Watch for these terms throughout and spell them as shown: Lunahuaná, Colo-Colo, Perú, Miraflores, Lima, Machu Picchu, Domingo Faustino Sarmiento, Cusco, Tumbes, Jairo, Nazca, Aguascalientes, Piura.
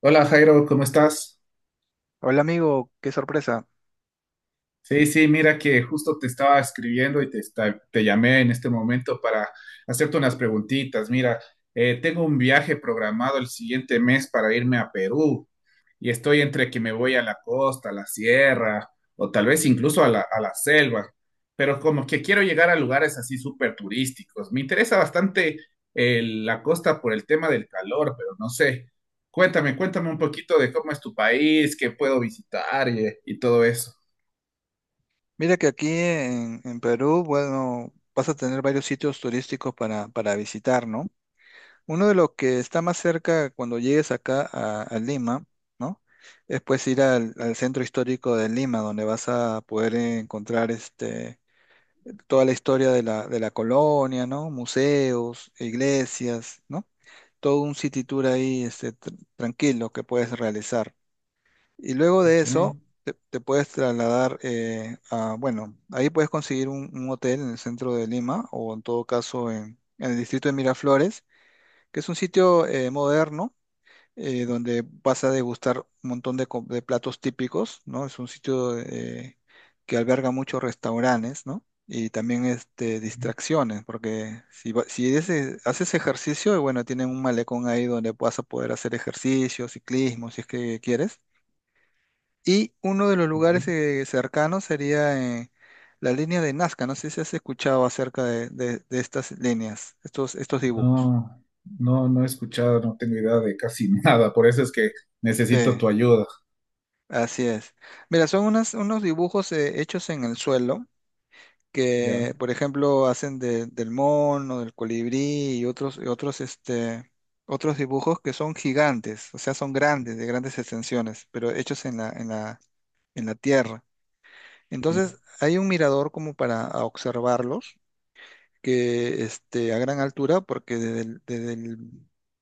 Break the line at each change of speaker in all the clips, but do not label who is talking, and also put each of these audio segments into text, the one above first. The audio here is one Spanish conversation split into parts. Hola Jairo, ¿cómo estás?
Hola amigo, qué sorpresa.
Sí, sí, mira que justo te estaba escribiendo y te llamé en este momento para hacerte unas preguntitas. Mira, tengo un viaje programado el siguiente mes para irme a Perú y estoy entre que me voy a la costa, a la sierra o tal vez incluso a la selva, pero como que quiero llegar a lugares así súper turísticos. Me interesa bastante la costa por el tema del calor, pero no sé. Cuéntame, cuéntame un poquito de cómo es tu país, qué puedo visitar y todo eso.
Mira que aquí en Perú, bueno, vas a tener varios sitios turísticos para visitar, ¿no? Uno de los que está más cerca cuando llegues acá a Lima, ¿no? Es pues ir al centro histórico de Lima, donde vas a poder encontrar toda la historia de la colonia, ¿no? Museos, iglesias, ¿no? Todo un city tour ahí tranquilo que puedes realizar. Y luego de
Ok.
eso, te puedes trasladar a, bueno, ahí puedes conseguir un hotel en el centro de Lima o en todo caso en el distrito de Miraflores, que es un sitio moderno donde vas a degustar un montón de platos típicos, ¿no? Es un sitio que alberga muchos restaurantes, ¿no? Y también distracciones, porque si, va- si ese- haces ejercicio, bueno, tienen un malecón ahí donde vas a poder hacer ejercicio, ciclismo, si es que quieres y uno de los lugares
Ya.
cercanos sería la línea de Nazca. No sé si has escuchado acerca de estas líneas, estos dibujos.
No, no, no he escuchado, no tengo idea de casi nada, por eso es que necesito
Sí,
tu ayuda.
así es. Mira, unos dibujos hechos en el suelo
Ya,
que, por ejemplo, hacen del mono, del colibrí y otros, otros dibujos que son gigantes, o sea, son grandes, de grandes extensiones, pero hechos en la tierra. Entonces,
ok.
hay un mirador como para observarlos que a gran altura, porque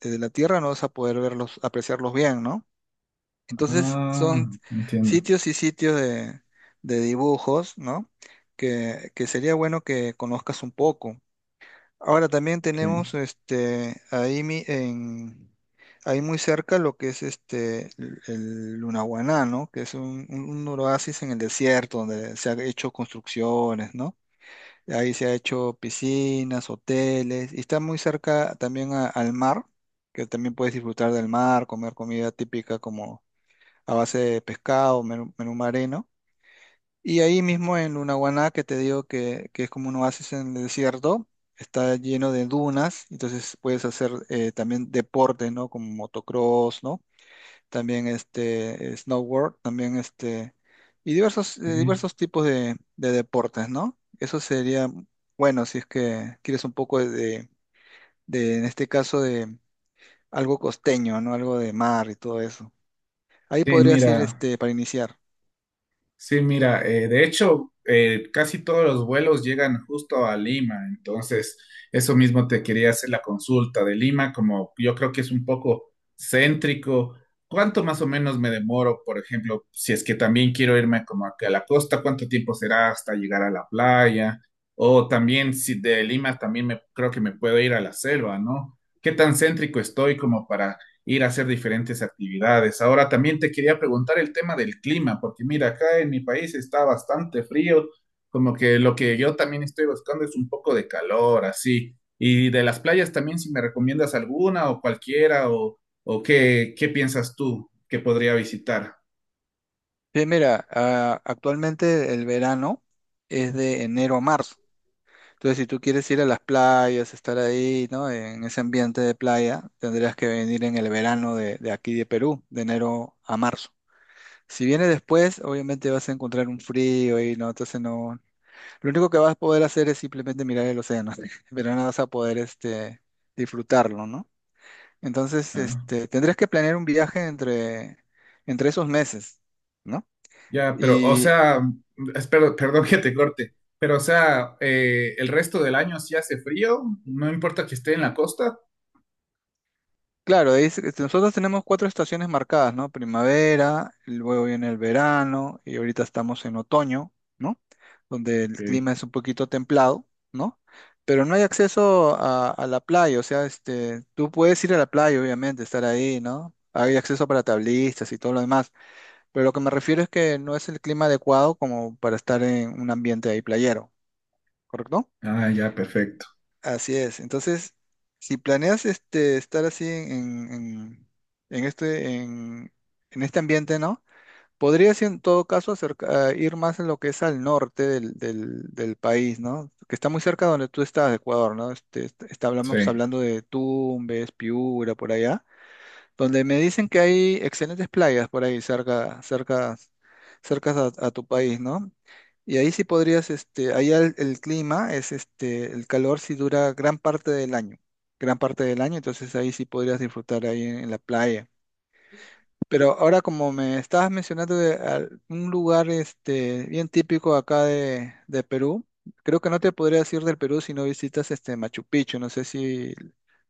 desde la tierra no vas a poder verlos, apreciarlos bien, ¿no? Entonces
Ah,
son
entiendo.
sitios y sitios de dibujos, ¿no? Que sería bueno que conozcas un poco. Ahora también
Ok,
tenemos ahí muy cerca lo que es el Lunahuaná, ¿no? Que es un un oasis en el desierto donde se han hecho construcciones, ¿no? Ahí se ha hecho piscinas, hoteles, y está muy cerca también al mar, que también puedes disfrutar del mar, comer comida típica como a base de pescado, menú marino. Y ahí mismo en Lunahuaná, que te digo que es como un oasis en el desierto, está lleno de dunas, entonces puedes hacer también deportes, ¿no? Como motocross, ¿no? También snowboard, también y
ok.
diversos tipos de deportes, ¿no? Eso sería bueno si es que quieres un poco en este caso, de algo costeño, ¿no? Algo de mar y todo eso. Ahí
Sí,
podrías ir
mira.
para iniciar.
Sí, mira, de hecho, casi todos los vuelos llegan justo a Lima, entonces eso mismo te quería hacer la consulta de Lima, como yo creo que es un poco céntrico. ¿Cuánto más o menos me demoro, por ejemplo, si es que también quiero irme como aquí a la costa, cuánto tiempo será hasta llegar a la playa? O también si de Lima también me creo que me puedo ir a la selva, ¿no? ¿Qué tan céntrico estoy como para ir a hacer diferentes actividades? Ahora también te quería preguntar el tema del clima, porque mira, acá en mi país está bastante frío, como que lo que yo también estoy buscando es un poco de calor, así. Y de las playas también, si me recomiendas alguna o cualquiera, o qué piensas tú que podría visitar.
Bien, mira, ah, actualmente el verano es de enero a marzo. Entonces, si tú quieres ir a las playas, estar ahí, ¿no? En ese ambiente de playa, tendrías que venir en el verano de aquí de Perú, de enero a marzo. Si viene después, obviamente vas a encontrar un frío y no, entonces no. Lo único que vas a poder hacer es simplemente mirar el océano, pero no vas a poder disfrutarlo, ¿no? Entonces,
Ah,
tendrías que planear un viaje entre esos meses, ¿no?
ya, pero, o sea, espero, perdón que te corte, pero, o sea, el resto del año sí hace frío, no importa que esté en la costa.
Claro, nosotros tenemos cuatro estaciones marcadas, ¿no? Primavera, luego viene el verano y ahorita estamos en otoño, ¿no? Donde el
Ok.
clima es un poquito templado, ¿no? Pero no hay acceso a la playa, o sea, tú puedes ir a la playa, obviamente, estar ahí, ¿no? Hay acceso para tablistas y todo lo demás, pero lo que me refiero es que no es el clima adecuado como para estar en un ambiente ahí playero, ¿correcto?
Ah, ya, perfecto.
Así es. Entonces, si planeas estar así en- en- este, en, en este ambiente, ¿no? Podrías en todo caso acerca- a ir más en lo que es al norte del país, ¿no? Que está muy cerca de donde tú estás, de Ecuador, ¿no? Este, est- está-
Sí.
hablamos hablando de Tumbes, Piura, por allá donde me dicen que hay excelentes playas por ahí cerca a tu país, ¿no? Y ahí sí podrías, allá el clima es, el calor sí dura gran parte del año, entonces ahí sí podrías disfrutar ahí en la playa. Pero ahora como me estabas mencionando un lugar, bien típico acá de Perú, creo que no te podrías ir del Perú si no visitas, Machu Picchu, no sé si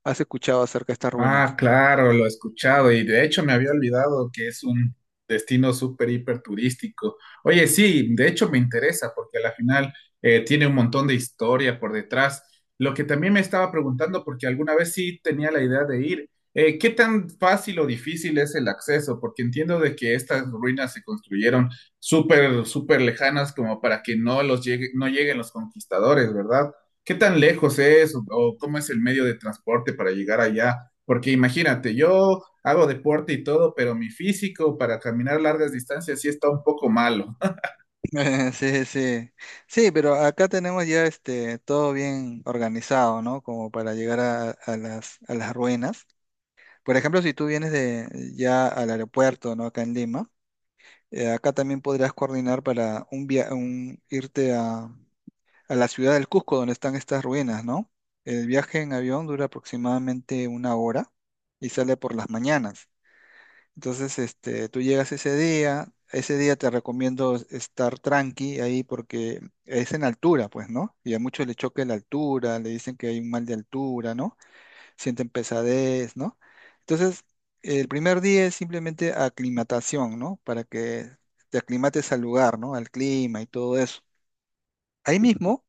has escuchado acerca de estas
Ah,
ruinas.
claro, lo he escuchado y de hecho me había olvidado que es un destino súper hiper turístico. Oye, sí, de hecho me interesa porque a la final tiene un montón de historia por detrás. Lo que también me estaba preguntando, porque alguna vez sí tenía la idea de ir, ¿qué tan fácil o difícil es el acceso? Porque entiendo de que estas ruinas se construyeron súper, súper lejanas como para que no lleguen los conquistadores, ¿verdad? ¿Qué tan lejos es o cómo es el medio de transporte para llegar allá? Porque imagínate, yo hago deporte y todo, pero mi físico para caminar largas distancias sí está un poco malo.
Sí, sí. Sí, pero acá tenemos ya todo bien organizado, ¿no? Como para llegar a las ruinas. Por ejemplo, si tú vienes de ya al aeropuerto, ¿no? Acá en Lima, acá también podrías coordinar para un irte a la ciudad del Cusco, donde están estas ruinas, ¿no? El viaje en avión dura aproximadamente una hora y sale por las mañanas. Entonces, tú llegas ese día te recomiendo estar tranqui ahí porque es en altura, pues, ¿no? Y a muchos le choca la altura, le dicen que hay un mal de altura, ¿no? Sienten pesadez, ¿no? Entonces, el primer día es simplemente aclimatación, ¿no? Para que te aclimates al lugar, ¿no? Al clima y todo eso. Ahí mismo,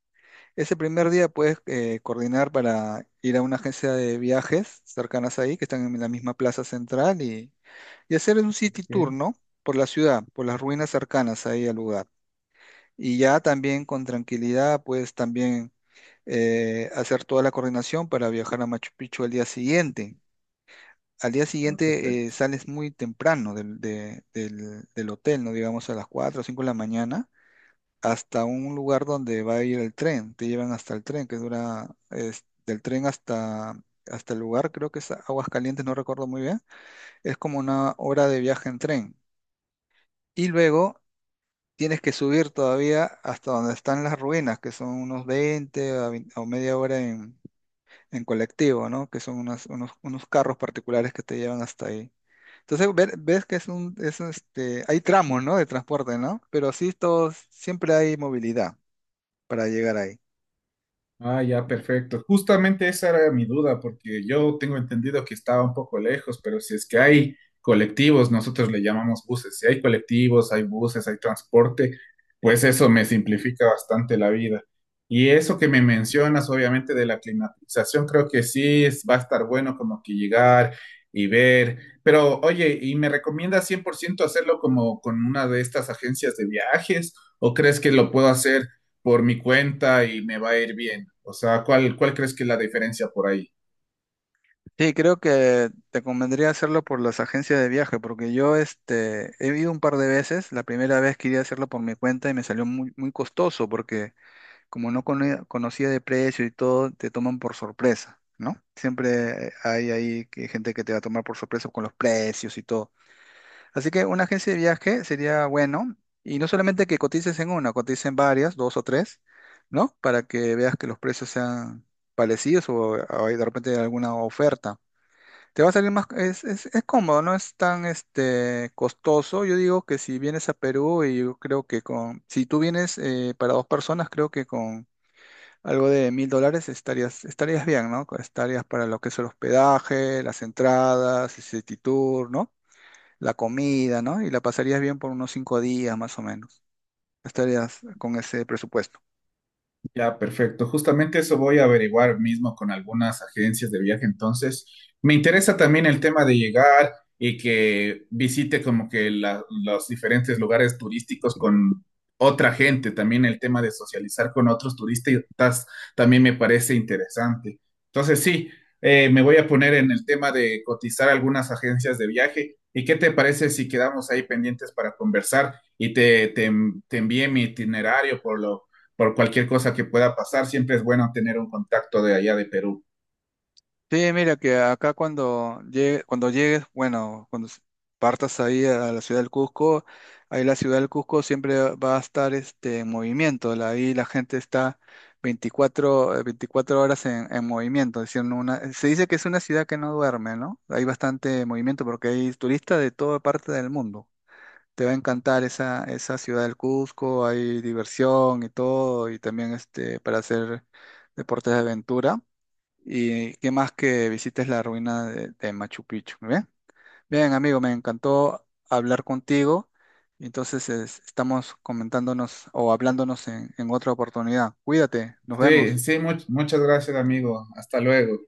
ese primer día puedes coordinar para ir a una agencia de viajes cercanas ahí, que están en la misma plaza central y hacer un city tour,
Ok,
¿no? Por la ciudad, por las ruinas cercanas ahí al lugar. Y ya también con tranquilidad, pues también hacer toda la coordinación para viajar a Machu Picchu al día siguiente. Al día
está
siguiente
perfecto.
sales muy temprano del hotel, ¿no? Digamos a las 4 o 5 de la mañana, hasta un lugar donde va a ir el tren. Te llevan hasta el tren, del tren hasta el lugar, creo que es Aguascalientes, no recuerdo muy bien. Es como una hora de viaje en tren. Y luego tienes que subir todavía hasta donde están las ruinas, que son unos 20 a 20 o media hora en colectivo, ¿no? Que son unos carros particulares que te llevan hasta ahí. Entonces ves que es hay tramos, ¿no? De transporte, ¿no? Pero sí, todos, siempre hay movilidad para llegar ahí.
Ah, ya, perfecto. Justamente esa era mi duda, porque yo tengo entendido que estaba un poco lejos, pero si es que hay colectivos, nosotros le llamamos buses, si hay colectivos, hay buses, hay transporte, pues eso me simplifica bastante la vida. Y eso que me mencionas, obviamente, de la climatización, creo que sí va a estar bueno como que llegar y ver. Pero oye, ¿y me recomiendas 100% hacerlo como con una de estas agencias de viajes? ¿O crees que lo puedo hacer por mi cuenta y me va a ir bien? O sea, ¿cuál crees que es la diferencia por ahí?
Sí, creo que te convendría hacerlo por las agencias de viaje, porque yo he ido un par de veces. La primera vez quería hacerlo por mi cuenta y me salió muy costoso, porque como no conocía de precio y todo, te toman por sorpresa, ¿no? Siempre hay ahí gente que te va a tomar por sorpresa con los precios y todo. Así que una agencia de viaje sería bueno, y no solamente que cotices en una, cotices en varias, dos o tres, ¿no? Para que veas que los precios sean parecidos o hay de repente alguna oferta. Te va a salir más, es cómodo, no es tan costoso. Yo digo que si vienes a Perú y yo creo que si tú vienes para dos personas, creo que con algo de $1000 estarías bien, ¿no? Estarías para lo que es el hospedaje, las entradas, el city tour, ¿no? La comida, ¿no? Y la pasarías bien por unos cinco días más o menos. Estarías con ese presupuesto.
Ya, perfecto. Justamente eso voy a averiguar mismo con algunas agencias de viaje. Entonces, me interesa también el tema de llegar y que visite como que los diferentes lugares turísticos con otra gente. También el tema de socializar con otros turistas también me parece interesante. Entonces, sí, me voy a poner en el tema de cotizar algunas agencias de viaje. ¿Y qué te parece si quedamos ahí pendientes para conversar y te, envié mi itinerario por cualquier cosa que pueda pasar? Siempre es bueno tener un contacto de allá de Perú.
Sí, mira que acá cuando llegues, bueno, partas ahí a la ciudad del Cusco, ahí la ciudad del Cusco siempre va a estar en movimiento, ahí la gente está 24 horas en movimiento, es decir, no una, se dice que es una ciudad que no duerme, ¿no? Hay bastante movimiento porque hay turistas de toda parte del mundo. Te va a encantar esa ciudad del Cusco, hay diversión y todo, y también para hacer deportes de aventura. Y qué más que visites la ruina de Machu Picchu, ¿muy bien? Bien, amigo, me encantó hablar contigo. Entonces, estamos comentándonos o hablándonos en otra oportunidad. Cuídate, nos
Sí,
vemos.
sí, muchas gracias, amigo. Hasta luego.